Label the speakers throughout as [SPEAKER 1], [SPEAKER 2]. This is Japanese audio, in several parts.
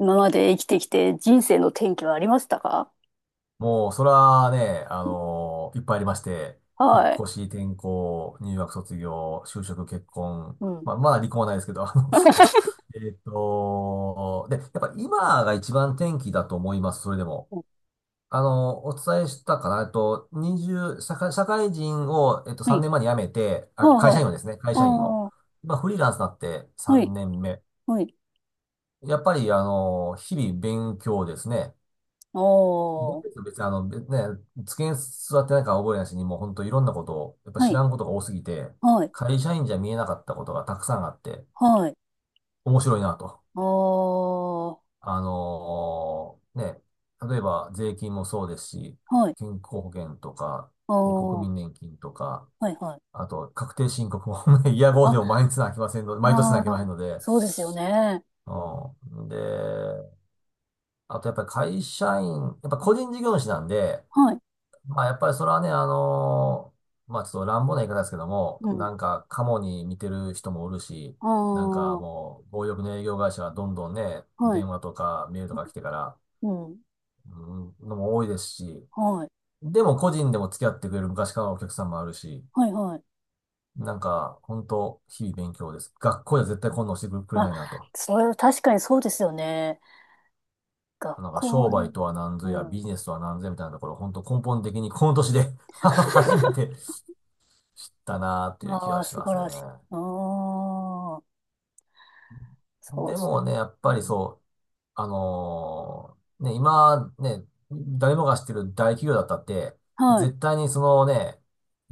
[SPEAKER 1] 今まで生きてきて人生の転機はありましたか？
[SPEAKER 2] もう、それはね、いっぱいありまして、引っ
[SPEAKER 1] はい。
[SPEAKER 2] 越し、転校、入学、卒業、就職、結婚、
[SPEAKER 1] うん。
[SPEAKER 2] まあ、まだ離婚はないですけど、あの、あと、で、やっぱ今が一番転機だと思います、それでも。あの、お伝えしたかな、20、社会人を、
[SPEAKER 1] は
[SPEAKER 2] 3
[SPEAKER 1] い。
[SPEAKER 2] 年前に辞めて、
[SPEAKER 1] は
[SPEAKER 2] あ、
[SPEAKER 1] あ、
[SPEAKER 2] 会社
[SPEAKER 1] は
[SPEAKER 2] 員をですね、会
[SPEAKER 1] あ。
[SPEAKER 2] 社員を。
[SPEAKER 1] ああ、
[SPEAKER 2] まあフリーランスになって
[SPEAKER 1] は
[SPEAKER 2] 3
[SPEAKER 1] い。
[SPEAKER 2] 年目。
[SPEAKER 1] はい。
[SPEAKER 2] やっぱり、あの、日々勉強ですね。
[SPEAKER 1] ああ、
[SPEAKER 2] 別
[SPEAKER 1] は
[SPEAKER 2] に、別にあの、別ね、机に座ってないから覚えないしに、もう本当いろんなことを、やっぱ知
[SPEAKER 1] い。
[SPEAKER 2] らんことが多すぎて、
[SPEAKER 1] はい。
[SPEAKER 2] 会社員じゃ見えなかったことがたくさんあって、
[SPEAKER 1] はい。
[SPEAKER 2] 面白いなと。
[SPEAKER 1] ああ、は
[SPEAKER 2] あのーね、例えば税金もそうですし、
[SPEAKER 1] い。
[SPEAKER 2] 健康保険とか、
[SPEAKER 1] ああ、
[SPEAKER 2] ね国
[SPEAKER 1] は
[SPEAKER 2] 民年金とか、
[SPEAKER 1] い。はい。
[SPEAKER 2] あと確定申告も ね、イヤゴーで
[SPEAKER 1] あ、
[SPEAKER 2] も毎日なきませんので、毎年
[SPEAKER 1] あ
[SPEAKER 2] なき
[SPEAKER 1] あ、
[SPEAKER 2] ませんので、
[SPEAKER 1] そうですよね。
[SPEAKER 2] うん。で、あとやっぱり会社員、やっぱ個人事業主なんで、
[SPEAKER 1] はい。
[SPEAKER 2] まあ、やっぱりそれはね、まあ、ちょっと乱暴な言い方ですけども、
[SPEAKER 1] うん。
[SPEAKER 2] なんか、カモに似てる人もおるし、
[SPEAKER 1] あ
[SPEAKER 2] なんか
[SPEAKER 1] あ、
[SPEAKER 2] もう、暴力の営業会社はどんどんね、
[SPEAKER 1] はい。
[SPEAKER 2] 電話とかメールとか来てから、
[SPEAKER 1] うん。
[SPEAKER 2] うん、のも多いですし、
[SPEAKER 1] はい。
[SPEAKER 2] でも個人でも付き合ってくれる昔からのお客さんもあるし、
[SPEAKER 1] はい。はい。
[SPEAKER 2] なんか、本当日々勉強です。学校では絶対こんなのしてくれ
[SPEAKER 1] あ、
[SPEAKER 2] ないなと。
[SPEAKER 1] それは確かにそうですよね。学
[SPEAKER 2] なんか、
[SPEAKER 1] 校
[SPEAKER 2] 商
[SPEAKER 1] はね。
[SPEAKER 2] 売とは何
[SPEAKER 1] う
[SPEAKER 2] ぞや、ビ
[SPEAKER 1] ん。
[SPEAKER 2] ジネスとは何ぞやみたいなところ、本当根本的にこの年で 初め て知ったなーっていう気
[SPEAKER 1] あ
[SPEAKER 2] が
[SPEAKER 1] あ、
[SPEAKER 2] し
[SPEAKER 1] 素
[SPEAKER 2] ます
[SPEAKER 1] 晴
[SPEAKER 2] ね。
[SPEAKER 1] らしい。ああ、そう
[SPEAKER 2] で
[SPEAKER 1] ですね。
[SPEAKER 2] もね、やっ
[SPEAKER 1] う
[SPEAKER 2] ぱり
[SPEAKER 1] ん、ね。
[SPEAKER 2] そう、今、ね、誰もが知ってる大企業だったって、
[SPEAKER 1] はい。
[SPEAKER 2] 絶対にそのね、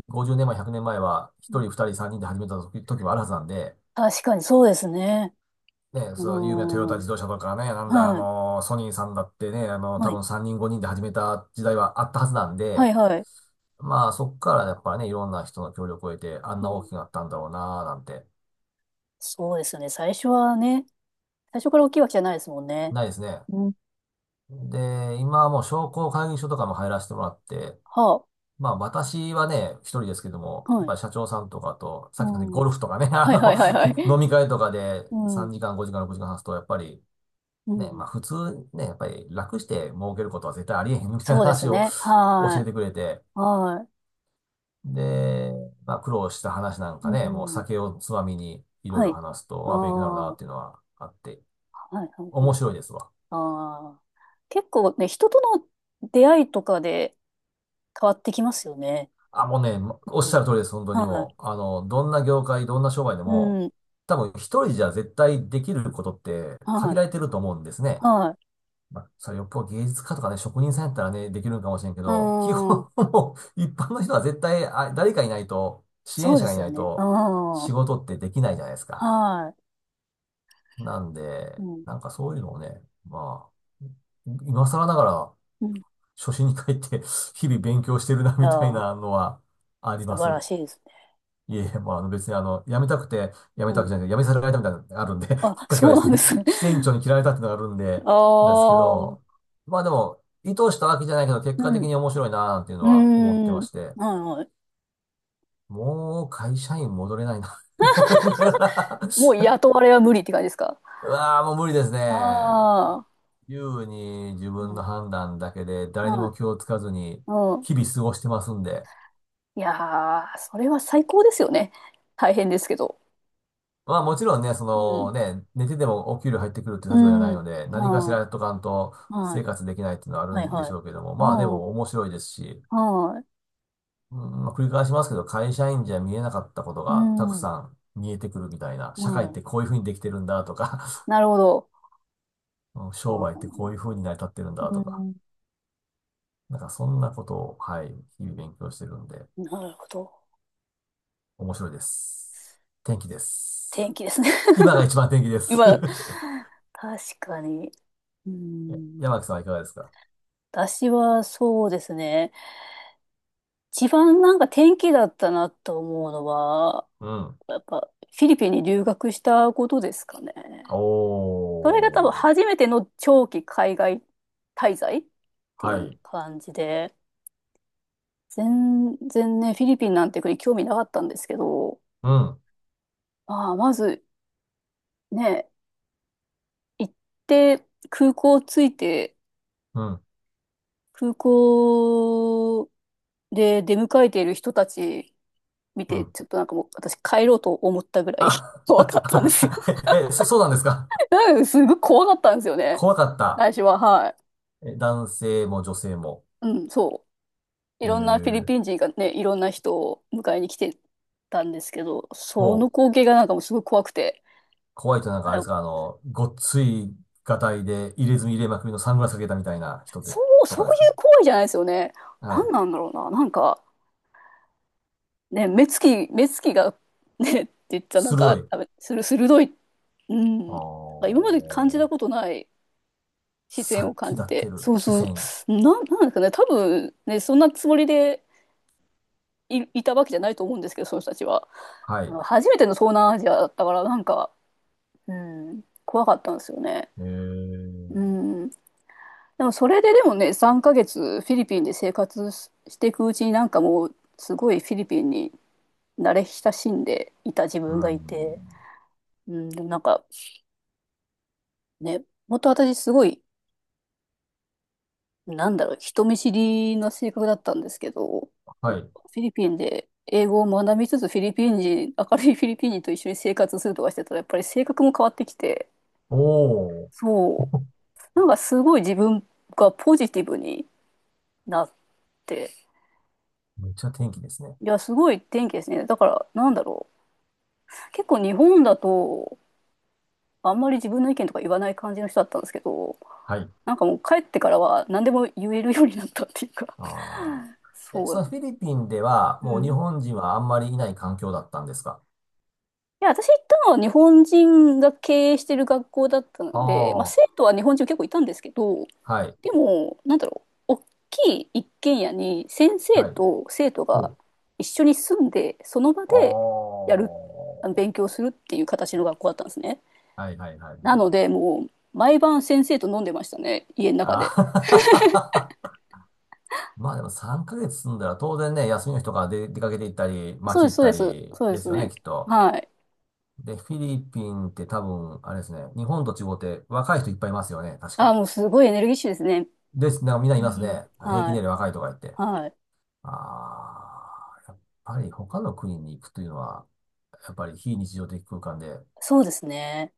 [SPEAKER 2] 50年前、100年前は、
[SPEAKER 1] う
[SPEAKER 2] 1
[SPEAKER 1] ん。
[SPEAKER 2] 人、2人、3人で始めた時もあるはずなんで、
[SPEAKER 1] 確かにそうですね。
[SPEAKER 2] ね、
[SPEAKER 1] う
[SPEAKER 2] その有名なトヨ
[SPEAKER 1] ー
[SPEAKER 2] タ
[SPEAKER 1] ん。
[SPEAKER 2] 自動車とかね、なんだ、
[SPEAKER 1] はい。
[SPEAKER 2] ソニーさんだってね、あの
[SPEAKER 1] は
[SPEAKER 2] 多
[SPEAKER 1] い。
[SPEAKER 2] 分3人、5人で始めた時代はあったはずなん
[SPEAKER 1] は
[SPEAKER 2] で、
[SPEAKER 1] い、はい。
[SPEAKER 2] まあ、そっからやっぱね、いろんな人の協力を得て、あん
[SPEAKER 1] う
[SPEAKER 2] な
[SPEAKER 1] ん。
[SPEAKER 2] 大きくなったんだろうな、なんて、
[SPEAKER 1] そうですね。最初はね、最初から大きいわけじゃないですもんね。
[SPEAKER 2] ないですね。
[SPEAKER 1] うん。
[SPEAKER 2] で、今はもう商工会議所とかも入らせてもらって、
[SPEAKER 1] は
[SPEAKER 2] まあ私はね、一人ですけども、
[SPEAKER 1] あ。
[SPEAKER 2] やっ
[SPEAKER 1] はい。
[SPEAKER 2] ぱり社長さんとかと、さ
[SPEAKER 1] う
[SPEAKER 2] っきのね
[SPEAKER 1] ん。
[SPEAKER 2] ゴルフとかね、あ
[SPEAKER 1] はい、はい、はい、はい。
[SPEAKER 2] の、飲み会とかで
[SPEAKER 1] うん。
[SPEAKER 2] 3時間、5時間、6時間話すと、やっぱり
[SPEAKER 1] う
[SPEAKER 2] ね、
[SPEAKER 1] ん。
[SPEAKER 2] まあ普通ね、やっぱり楽して儲けることは絶対ありえへんみたい
[SPEAKER 1] そ
[SPEAKER 2] な
[SPEAKER 1] うです
[SPEAKER 2] 話を
[SPEAKER 1] ね。
[SPEAKER 2] 教え
[SPEAKER 1] は
[SPEAKER 2] てくれて、
[SPEAKER 1] い。は
[SPEAKER 2] で、まあ苦労した話なん
[SPEAKER 1] い。
[SPEAKER 2] か
[SPEAKER 1] う
[SPEAKER 2] ね、もう
[SPEAKER 1] ん。
[SPEAKER 2] 酒をつまみにいろい
[SPEAKER 1] は
[SPEAKER 2] ろ
[SPEAKER 1] い。
[SPEAKER 2] 話す
[SPEAKER 1] あ
[SPEAKER 2] と、あ、勉強になる
[SPEAKER 1] あ。
[SPEAKER 2] なっ
[SPEAKER 1] は
[SPEAKER 2] ていうのはあって、
[SPEAKER 1] い、はい、はい。
[SPEAKER 2] 面白いですわ。
[SPEAKER 1] ああ。結構ね、人との出会いとかで、変わってきますよね。
[SPEAKER 2] あ、もうね、おっ
[SPEAKER 1] う
[SPEAKER 2] し
[SPEAKER 1] ん、
[SPEAKER 2] ゃる通りです、本当に
[SPEAKER 1] はい。
[SPEAKER 2] もう。あの、どんな業界、どんな商売でも、
[SPEAKER 1] うん。
[SPEAKER 2] 多分一人じゃ絶対できることって
[SPEAKER 1] は
[SPEAKER 2] 限
[SPEAKER 1] い。
[SPEAKER 2] られてると思うんですね。
[SPEAKER 1] はい。
[SPEAKER 2] まあ、それよっぽど芸術家とかね、職人さんやったらね、できるのかもしれんけ
[SPEAKER 1] う
[SPEAKER 2] ど、基
[SPEAKER 1] ん。
[SPEAKER 2] 本もう一般の人は絶対、あ、誰かいないと、支
[SPEAKER 1] そ
[SPEAKER 2] 援
[SPEAKER 1] う
[SPEAKER 2] 者
[SPEAKER 1] で
[SPEAKER 2] がい
[SPEAKER 1] す
[SPEAKER 2] な
[SPEAKER 1] よ
[SPEAKER 2] い
[SPEAKER 1] ね。う
[SPEAKER 2] と、仕
[SPEAKER 1] ん。
[SPEAKER 2] 事ってできないじゃないですか。
[SPEAKER 1] は
[SPEAKER 2] なん
[SPEAKER 1] い。
[SPEAKER 2] で、
[SPEAKER 1] うん。
[SPEAKER 2] なんかそういうのをね、まあ、今更ながら
[SPEAKER 1] うん。い
[SPEAKER 2] 初心に帰って日々勉強してるな、
[SPEAKER 1] や
[SPEAKER 2] みたい
[SPEAKER 1] ー、
[SPEAKER 2] なのはあり
[SPEAKER 1] 素
[SPEAKER 2] ます。
[SPEAKER 1] 晴らしいですね。
[SPEAKER 2] いえ、もうあの別にあの、辞めたくて辞め
[SPEAKER 1] う
[SPEAKER 2] たわけ
[SPEAKER 1] ん。
[SPEAKER 2] じゃなくて、辞めさせられたみたいなのがあるんで きっ
[SPEAKER 1] あ、
[SPEAKER 2] かけは
[SPEAKER 1] そう
[SPEAKER 2] で
[SPEAKER 1] な
[SPEAKER 2] す
[SPEAKER 1] んで
[SPEAKER 2] ね、
[SPEAKER 1] す ね。
[SPEAKER 2] 支店 長に嫌われたっていうのがあるんで、
[SPEAKER 1] あ
[SPEAKER 2] なんですけど、
[SPEAKER 1] あ。
[SPEAKER 2] まあでも、意図したわけじゃないけど、結
[SPEAKER 1] う
[SPEAKER 2] 果的
[SPEAKER 1] ん。
[SPEAKER 2] に面白いなーっていうのは思って
[SPEAKER 1] う
[SPEAKER 2] ま
[SPEAKER 1] ん。
[SPEAKER 2] して、
[SPEAKER 1] はいはい。
[SPEAKER 2] もう会社員戻れないな 思いながら
[SPEAKER 1] もう 雇われは無理って感じですか？
[SPEAKER 2] うわーもう無理ですね。
[SPEAKER 1] ああ。
[SPEAKER 2] 自由に自
[SPEAKER 1] う
[SPEAKER 2] 分
[SPEAKER 1] ん。
[SPEAKER 2] の判断だけで、誰に
[SPEAKER 1] は
[SPEAKER 2] も
[SPEAKER 1] い。
[SPEAKER 2] 気をつかずに、
[SPEAKER 1] うん。
[SPEAKER 2] 日々過ごしてますんで、
[SPEAKER 1] いやー、それは最高ですよね。大変ですけど。
[SPEAKER 2] まあもちろんね、そ
[SPEAKER 1] うん。
[SPEAKER 2] のね、寝ててもお給料入ってくるっていう
[SPEAKER 1] う
[SPEAKER 2] 立場じゃな
[SPEAKER 1] ん。
[SPEAKER 2] いので、何かしら
[SPEAKER 1] は
[SPEAKER 2] やっとかんと
[SPEAKER 1] い。はい。
[SPEAKER 2] 生活できないっていうのはある
[SPEAKER 1] はい
[SPEAKER 2] んでし
[SPEAKER 1] はい。
[SPEAKER 2] ょうけども、まあで
[SPEAKER 1] う
[SPEAKER 2] も
[SPEAKER 1] ん。
[SPEAKER 2] 面白いですし、
[SPEAKER 1] はい。
[SPEAKER 2] うん、まあ繰り返しますけど、会社員じゃ見えなかったこと
[SPEAKER 1] う
[SPEAKER 2] がたく
[SPEAKER 1] ん。う
[SPEAKER 2] さん見えてくるみたいな、社会っ
[SPEAKER 1] ん。
[SPEAKER 2] てこういうふうにできてるんだとか、
[SPEAKER 1] なるほど。
[SPEAKER 2] うん、
[SPEAKER 1] あ
[SPEAKER 2] 商売ってこ
[SPEAKER 1] ー、
[SPEAKER 2] ういうふうに成り立ってるんだ
[SPEAKER 1] う
[SPEAKER 2] とか、
[SPEAKER 1] ん。
[SPEAKER 2] なんかそんなことを、はい、日々勉強してるんで、
[SPEAKER 1] なるほど。
[SPEAKER 2] 面白いです。天気で
[SPEAKER 1] 天
[SPEAKER 2] す。
[SPEAKER 1] 気ですね。
[SPEAKER 2] 今が 一番天気です。
[SPEAKER 1] 今、確かに。うん。
[SPEAKER 2] 山木さんはいかがですか？
[SPEAKER 1] 私はそうですね。一番なんか天気だったなと思うのは、
[SPEAKER 2] うん。
[SPEAKER 1] やっぱフィリピンに留学したことですかね。
[SPEAKER 2] お
[SPEAKER 1] それが多分
[SPEAKER 2] ー。
[SPEAKER 1] 初めての長期海外滞在ってい
[SPEAKER 2] は
[SPEAKER 1] う
[SPEAKER 2] い。
[SPEAKER 1] 感じで、全然ね、フィリピンなんて国興味なかったんですけど、
[SPEAKER 2] うん、
[SPEAKER 1] まあ、まずね、行って、空港着いて、
[SPEAKER 2] うん、
[SPEAKER 1] 空港で出迎えている人たち見
[SPEAKER 2] う
[SPEAKER 1] て、
[SPEAKER 2] ん。
[SPEAKER 1] ちょっとなんかもう私帰ろうと思ったぐらい
[SPEAKER 2] あ、
[SPEAKER 1] 怖かったんですよ。
[SPEAKER 2] そうなんですか？
[SPEAKER 1] なんかすごい怖かったんですよね。
[SPEAKER 2] 怖かった。
[SPEAKER 1] 最初は、はい。
[SPEAKER 2] え、男性も女性も。
[SPEAKER 1] うん、そう。い
[SPEAKER 2] え
[SPEAKER 1] ろんなフィリ
[SPEAKER 2] ー、
[SPEAKER 1] ピン人がね、いろんな人を迎えに来てたんですけど、その
[SPEAKER 2] ほう。
[SPEAKER 1] 光景がなんかもうすごい怖くて。
[SPEAKER 2] 怖いとなんか
[SPEAKER 1] あ
[SPEAKER 2] あれで
[SPEAKER 1] の、
[SPEAKER 2] すか、あの、ごっついガタイで入れ墨入れまくりのサングラスかけたみたいな人で、
[SPEAKER 1] そう、
[SPEAKER 2] と
[SPEAKER 1] そう
[SPEAKER 2] か
[SPEAKER 1] いう
[SPEAKER 2] ですか？
[SPEAKER 1] 行為じゃないですよね。
[SPEAKER 2] は
[SPEAKER 1] 何
[SPEAKER 2] い。
[SPEAKER 1] なんだろうな。なんか、ね、目つきが、ね、って言ったらなんか、
[SPEAKER 2] 鋭い。
[SPEAKER 1] あする、鋭い、う
[SPEAKER 2] あ
[SPEAKER 1] ん。今まで感じ
[SPEAKER 2] ー。
[SPEAKER 1] たことない視線
[SPEAKER 2] 殺
[SPEAKER 1] を
[SPEAKER 2] 気
[SPEAKER 1] 感
[SPEAKER 2] 立
[SPEAKER 1] じ
[SPEAKER 2] って
[SPEAKER 1] て、
[SPEAKER 2] る
[SPEAKER 1] そう
[SPEAKER 2] 視
[SPEAKER 1] そう、
[SPEAKER 2] 線。
[SPEAKER 1] なんですかね、多分ね、そんなつもりでいたわけじゃないと思うんですけど、その人たちは。
[SPEAKER 2] はい。
[SPEAKER 1] 初めての東南アジアだったから、なんか、うん、怖かったんですよね。
[SPEAKER 2] えー、
[SPEAKER 1] うん。でもそれででもね、3ヶ月フィリピンで生活していくうちになんかもう、すごいフィリピンに慣れ親しんでいた自
[SPEAKER 2] う
[SPEAKER 1] 分がいて、
[SPEAKER 2] ん。
[SPEAKER 1] うん、でもなんか、ね、もっと私すごい、なんだろう、人見知りな性格だったんですけど、
[SPEAKER 2] は
[SPEAKER 1] フ
[SPEAKER 2] い。
[SPEAKER 1] ィリピンで英語を学びつつ、フィリピン人、明るいフィリピン人と一緒に生活するとかしてたら、やっぱり性格も変わってきて、
[SPEAKER 2] おー。
[SPEAKER 1] そう、なんかすごい自分がポジティブになって、
[SPEAKER 2] めっちゃ天気ですね。
[SPEAKER 1] いや、すごい天気ですね。だから、なんだろう、結構日本だと、あんまり自分の意見とか言わない感じの人だったんですけど、
[SPEAKER 2] はい。
[SPEAKER 1] なんかもう帰ってからは何でも言えるようになったっていうか、
[SPEAKER 2] ああ。え、
[SPEAKER 1] そう。
[SPEAKER 2] そ
[SPEAKER 1] い
[SPEAKER 2] のフィリピンでは、
[SPEAKER 1] う
[SPEAKER 2] もう日
[SPEAKER 1] ん。
[SPEAKER 2] 本人はあんまりいない環境だったんですか？
[SPEAKER 1] や、私行ったのは日本人が経営してる学校だった
[SPEAKER 2] あ
[SPEAKER 1] ので、まあ、生
[SPEAKER 2] あ、
[SPEAKER 1] 徒は日本人結構いたんですけど、
[SPEAKER 2] はい、
[SPEAKER 1] でも、なんだろう、大きい一軒家に先生
[SPEAKER 2] はい。
[SPEAKER 1] と生徒
[SPEAKER 2] ほ
[SPEAKER 1] が
[SPEAKER 2] う。
[SPEAKER 1] 一緒に住んで、その場
[SPEAKER 2] あ
[SPEAKER 1] でやる、あの
[SPEAKER 2] あ。
[SPEAKER 1] 勉強するっていう形の学校だったんですね。
[SPEAKER 2] はい、はい、はい、
[SPEAKER 1] な
[SPEAKER 2] は
[SPEAKER 1] の
[SPEAKER 2] い。
[SPEAKER 1] で、もう、毎晩先生と飲んでましたね、家の中で。
[SPEAKER 2] ああ。 まあでも3ヶ月住んだら当然ね、休みの日とかで出かけて行ったり、
[SPEAKER 1] そう
[SPEAKER 2] 街
[SPEAKER 1] です、
[SPEAKER 2] 行っ
[SPEAKER 1] そう
[SPEAKER 2] た
[SPEAKER 1] です、
[SPEAKER 2] り
[SPEAKER 1] そうで
[SPEAKER 2] で
[SPEAKER 1] す
[SPEAKER 2] すよね、
[SPEAKER 1] ね。
[SPEAKER 2] きっと。
[SPEAKER 1] はい。
[SPEAKER 2] で、フィリピンって多分、あれですね、日本と違って若い人いっぱいいますよね、確
[SPEAKER 1] ああ、
[SPEAKER 2] か。
[SPEAKER 1] もうすごいエネルギッシュですね。
[SPEAKER 2] です、なんかみんない
[SPEAKER 1] う
[SPEAKER 2] ます
[SPEAKER 1] ん。
[SPEAKER 2] ね。平
[SPEAKER 1] は
[SPEAKER 2] 均
[SPEAKER 1] い。
[SPEAKER 2] 年齢若いとか言って。
[SPEAKER 1] はい。
[SPEAKER 2] ああ、やっぱり他の国に行くというのは、やっぱり非日常的空間で、
[SPEAKER 1] そうですね。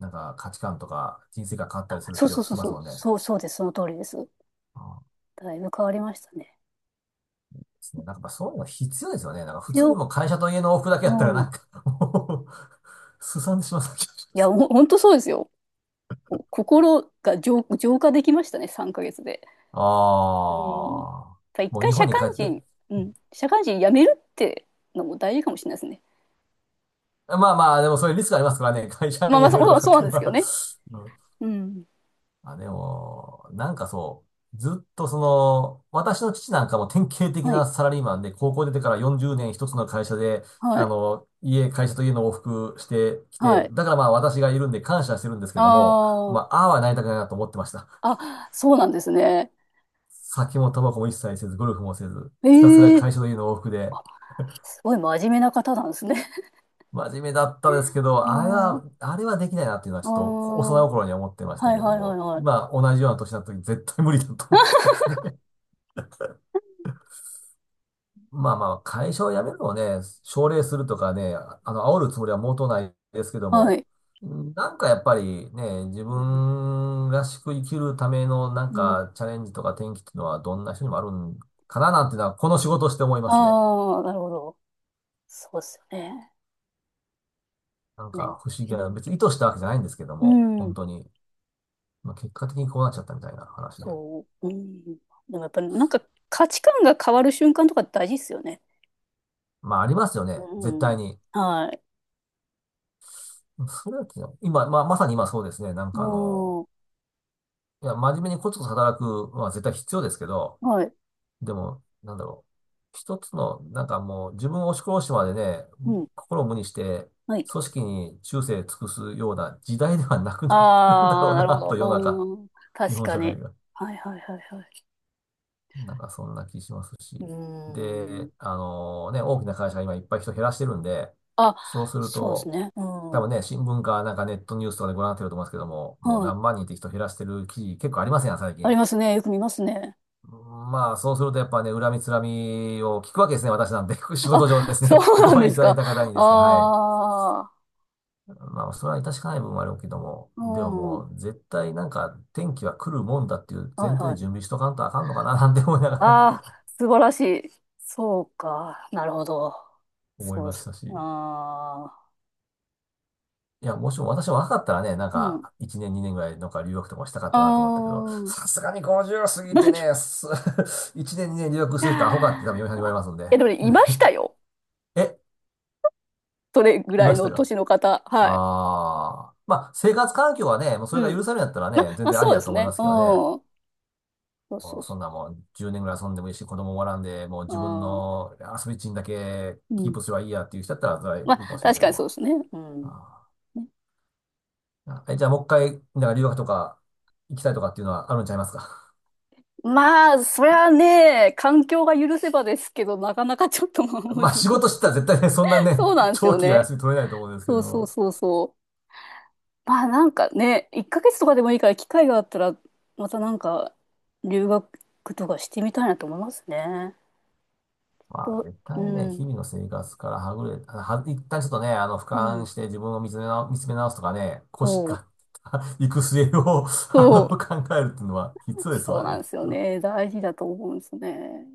[SPEAKER 2] なんか価値観とか人生が変わったりするっ
[SPEAKER 1] そう
[SPEAKER 2] てよ
[SPEAKER 1] そう
[SPEAKER 2] く聞
[SPEAKER 1] そう
[SPEAKER 2] きま
[SPEAKER 1] そ
[SPEAKER 2] す
[SPEAKER 1] う。
[SPEAKER 2] もんね。
[SPEAKER 1] そうそうです。その通りです。
[SPEAKER 2] あーで
[SPEAKER 1] だいぶ変わりましたね。
[SPEAKER 2] すね。なんかやっぱそういうのが必要ですよね。なんか普通に
[SPEAKER 1] 強、
[SPEAKER 2] もう会社と家の往復だけやったら
[SPEAKER 1] うん。い
[SPEAKER 2] なんか、もう、すさんでしまった気がしま
[SPEAKER 1] や、
[SPEAKER 2] す。
[SPEAKER 1] ほんとそうですよ。心が浄化できましたね。3ヶ月で。
[SPEAKER 2] あ
[SPEAKER 1] うん。やっ
[SPEAKER 2] あ、
[SPEAKER 1] ぱ一
[SPEAKER 2] もう
[SPEAKER 1] 回
[SPEAKER 2] 日本
[SPEAKER 1] 社
[SPEAKER 2] に
[SPEAKER 1] 会
[SPEAKER 2] 帰って、
[SPEAKER 1] 人、うん。社会人辞めるってのも大事かもしれないですね。
[SPEAKER 2] まあまあ、でもそういうリスクありますからね。会社
[SPEAKER 1] まあ
[SPEAKER 2] 員
[SPEAKER 1] まあ、
[SPEAKER 2] 辞める
[SPEAKER 1] そ
[SPEAKER 2] と
[SPEAKER 1] う、
[SPEAKER 2] かっ
[SPEAKER 1] そうな
[SPEAKER 2] て
[SPEAKER 1] ん
[SPEAKER 2] いう
[SPEAKER 1] です
[SPEAKER 2] の
[SPEAKER 1] けど
[SPEAKER 2] は、
[SPEAKER 1] ね。
[SPEAKER 2] うん。
[SPEAKER 1] うん。
[SPEAKER 2] あ、でも、なんかそう、ずっとその、私の父なんかも典型的
[SPEAKER 1] はい。
[SPEAKER 2] なサラリーマンで、高校出てから40年一つの会社で、
[SPEAKER 1] は
[SPEAKER 2] あ
[SPEAKER 1] い。
[SPEAKER 2] の、家、会社と家の往復してき
[SPEAKER 1] は
[SPEAKER 2] て、
[SPEAKER 1] い。
[SPEAKER 2] だからまあ私がいるんで感謝してるんですけ
[SPEAKER 1] あ
[SPEAKER 2] ども、ま
[SPEAKER 1] ー、
[SPEAKER 2] あ、ああはなりたくないなと思ってました。
[SPEAKER 1] あ、そうなんですね。
[SPEAKER 2] 酒もタバコも一切せず、ゴルフもせず、
[SPEAKER 1] え
[SPEAKER 2] ひたすら
[SPEAKER 1] え、
[SPEAKER 2] 会社と家の往復で、
[SPEAKER 1] すごい真面目な方なんですね。
[SPEAKER 2] 真面目だったです けど、あれ
[SPEAKER 1] うん。
[SPEAKER 2] は、あれはできないなっていうのは
[SPEAKER 1] あ
[SPEAKER 2] ちょっと
[SPEAKER 1] あ、は
[SPEAKER 2] 幼い頃には思ってました
[SPEAKER 1] い
[SPEAKER 2] けど
[SPEAKER 1] はいはい
[SPEAKER 2] も、
[SPEAKER 1] はい。
[SPEAKER 2] 今同じような年になった時絶対無理だと思ってますね。まあまあ、会社を辞めるのをね、奨励するとかね、あの、煽るつもりは毛頭ないですけど
[SPEAKER 1] は
[SPEAKER 2] も、
[SPEAKER 1] い。
[SPEAKER 2] うん。なんかやっぱりね、自
[SPEAKER 1] うん。
[SPEAKER 2] 分らしく生きるためのなん
[SPEAKER 1] うん、
[SPEAKER 2] かチャレンジとか転機っていうのはどんな人にもあるんかななんていうのは、この仕事をして思いますね。
[SPEAKER 1] ああ、なるほど。そうですよね。
[SPEAKER 2] なん
[SPEAKER 1] ね。
[SPEAKER 2] か不思議
[SPEAKER 1] う
[SPEAKER 2] な、
[SPEAKER 1] ん。
[SPEAKER 2] 別に意図したわけじゃないんですけど
[SPEAKER 1] う
[SPEAKER 2] も、
[SPEAKER 1] ん、
[SPEAKER 2] 本当に。まあ、結果的にこうなっちゃったみたいな話で。
[SPEAKER 1] そう。うん。でもやっぱりなんか価値観が変わる瞬間とか大事ですよね。
[SPEAKER 2] まあありますよ
[SPEAKER 1] う
[SPEAKER 2] ね、絶
[SPEAKER 1] ん。
[SPEAKER 2] 対に。
[SPEAKER 1] はい。
[SPEAKER 2] それは昨日今、まあまさに今そうですね、なんかあの、
[SPEAKER 1] うん。
[SPEAKER 2] いや、真面目にコツコツ働くのは絶対必要ですけど、
[SPEAKER 1] はい。
[SPEAKER 2] でも、なんだろう。一つの、なんかもう自分を押し殺してまでね、
[SPEAKER 1] うん。
[SPEAKER 2] 心を無にして、
[SPEAKER 1] はい。
[SPEAKER 2] 組織に忠誠尽くすような時代ではなくなってるんだ
[SPEAKER 1] あ
[SPEAKER 2] ろ
[SPEAKER 1] あ、
[SPEAKER 2] う
[SPEAKER 1] なるほ
[SPEAKER 2] な、と世の中、
[SPEAKER 1] ど。うん。
[SPEAKER 2] 日
[SPEAKER 1] 確
[SPEAKER 2] 本
[SPEAKER 1] か
[SPEAKER 2] 社会
[SPEAKER 1] に。
[SPEAKER 2] が。
[SPEAKER 1] はいはいはいはい。
[SPEAKER 2] なんかそんな気しますし。
[SPEAKER 1] うん。
[SPEAKER 2] で、あのね、大きな会社が今いっぱい人減らしてるんで、
[SPEAKER 1] あ、
[SPEAKER 2] そうする
[SPEAKER 1] そうです
[SPEAKER 2] と、
[SPEAKER 1] ね。う
[SPEAKER 2] 多
[SPEAKER 1] ん。は
[SPEAKER 2] 分ね、新聞かなんかネットニュースとかでご覧になってると思いますけども、もう何
[SPEAKER 1] い。
[SPEAKER 2] 万人って人減らしてる記事結構ありませんよ、最
[SPEAKER 1] あ
[SPEAKER 2] 近。
[SPEAKER 1] りますね。よく見ますね。
[SPEAKER 2] まあ、そうするとやっぱね、恨みつらみを聞くわけですね、私なんで。仕事上で す
[SPEAKER 1] そ
[SPEAKER 2] ね、
[SPEAKER 1] う
[SPEAKER 2] ご
[SPEAKER 1] なん
[SPEAKER 2] 飯
[SPEAKER 1] で
[SPEAKER 2] い
[SPEAKER 1] す
[SPEAKER 2] ただい
[SPEAKER 1] か。
[SPEAKER 2] た方
[SPEAKER 1] あ
[SPEAKER 2] にですね、はい。
[SPEAKER 1] あ、
[SPEAKER 2] まあ、それは致し方ない部分もあるけども、
[SPEAKER 1] う
[SPEAKER 2] でも
[SPEAKER 1] ん。
[SPEAKER 2] も
[SPEAKER 1] は
[SPEAKER 2] う、絶対なんか、天気は来るもんだっていう
[SPEAKER 1] い
[SPEAKER 2] 前提
[SPEAKER 1] は
[SPEAKER 2] で
[SPEAKER 1] い。
[SPEAKER 2] 準備しとかんとあかんのかな、なんて思いなが
[SPEAKER 1] あ
[SPEAKER 2] ら
[SPEAKER 1] あ、素晴らしい。そうか。なるほど。
[SPEAKER 2] 思い
[SPEAKER 1] そう
[SPEAKER 2] ま
[SPEAKER 1] で
[SPEAKER 2] し
[SPEAKER 1] す。
[SPEAKER 2] たし。
[SPEAKER 1] あ
[SPEAKER 2] いや、もしも私も若かったらね、なん
[SPEAKER 1] あ、うん。
[SPEAKER 2] か、1年、2年ぐらい、なんか留学とかしたかった
[SPEAKER 1] あ
[SPEAKER 2] なと思ったけど、さすがに50過ぎてね、1年、2年留学するとアホかって多分
[SPEAKER 1] あ。
[SPEAKER 2] 嫁さんに言われます ので。
[SPEAKER 1] え、でもね、いましたよ。
[SPEAKER 2] え、
[SPEAKER 1] それぐ
[SPEAKER 2] い
[SPEAKER 1] ら
[SPEAKER 2] ま
[SPEAKER 1] い
[SPEAKER 2] し
[SPEAKER 1] の
[SPEAKER 2] たか？
[SPEAKER 1] 年の方。はい。
[SPEAKER 2] ああ。まあ、生活環境はね、もうそ
[SPEAKER 1] う
[SPEAKER 2] れが
[SPEAKER 1] ん。
[SPEAKER 2] 許されるんだったら
[SPEAKER 1] ま、
[SPEAKER 2] ね、全
[SPEAKER 1] まあ、
[SPEAKER 2] 然あ
[SPEAKER 1] そ
[SPEAKER 2] り
[SPEAKER 1] うで
[SPEAKER 2] だと
[SPEAKER 1] す
[SPEAKER 2] 思い
[SPEAKER 1] ね。
[SPEAKER 2] ますけどね。
[SPEAKER 1] うん。そうそ
[SPEAKER 2] も
[SPEAKER 1] う
[SPEAKER 2] うそ
[SPEAKER 1] そ
[SPEAKER 2] んなもん、10年ぐらい遊んでもいいし、子供もおらんで、もう
[SPEAKER 1] う。
[SPEAKER 2] 自分
[SPEAKER 1] ああ、
[SPEAKER 2] の遊び地にだけ
[SPEAKER 1] う
[SPEAKER 2] キー
[SPEAKER 1] ん。
[SPEAKER 2] プすればいいやっていう人だったら、それ
[SPEAKER 1] ま
[SPEAKER 2] はいいか
[SPEAKER 1] あ、
[SPEAKER 2] もしれない
[SPEAKER 1] 確
[SPEAKER 2] け
[SPEAKER 1] か
[SPEAKER 2] ど
[SPEAKER 1] にそ
[SPEAKER 2] も。
[SPEAKER 1] うですね。うん。
[SPEAKER 2] あ
[SPEAKER 1] ね。
[SPEAKER 2] ーえ、じゃあもう一回、なんか留学とか行きたいとかっていうのはあるんちゃいますか？
[SPEAKER 1] まあ、そりゃね、環境が許せばですけど、なかなかちょっとまあ 難
[SPEAKER 2] まあ、
[SPEAKER 1] しい。
[SPEAKER 2] 仕事してたら絶対ね、そんな ね、
[SPEAKER 1] そうなんです
[SPEAKER 2] 長
[SPEAKER 1] よ
[SPEAKER 2] 期は
[SPEAKER 1] ね。
[SPEAKER 2] 休み取れないと思うんですけ
[SPEAKER 1] そう
[SPEAKER 2] ど
[SPEAKER 1] そう
[SPEAKER 2] も。
[SPEAKER 1] そうそう。まあなんかね、1ヶ月とかでもいいから機会があったら、またなんか留学とかしてみたいなと思いますね。
[SPEAKER 2] まあ、
[SPEAKER 1] と、
[SPEAKER 2] 絶
[SPEAKER 1] う
[SPEAKER 2] 対にね、
[SPEAKER 1] ん、
[SPEAKER 2] 日々の生活からはぐれ、は、一旦ちょっとね、あの、俯
[SPEAKER 1] う
[SPEAKER 2] 瞰
[SPEAKER 1] ん、
[SPEAKER 2] して自分を見つめ直すとかね、腰
[SPEAKER 1] そう、
[SPEAKER 2] から 行く末を あ
[SPEAKER 1] そ
[SPEAKER 2] の、
[SPEAKER 1] う、
[SPEAKER 2] 考えるっていうのは必要です
[SPEAKER 1] そう
[SPEAKER 2] わ
[SPEAKER 1] な
[SPEAKER 2] ね、
[SPEAKER 1] ん
[SPEAKER 2] きっ
[SPEAKER 1] ですよ
[SPEAKER 2] と。
[SPEAKER 1] ね。大事だと思うんですね。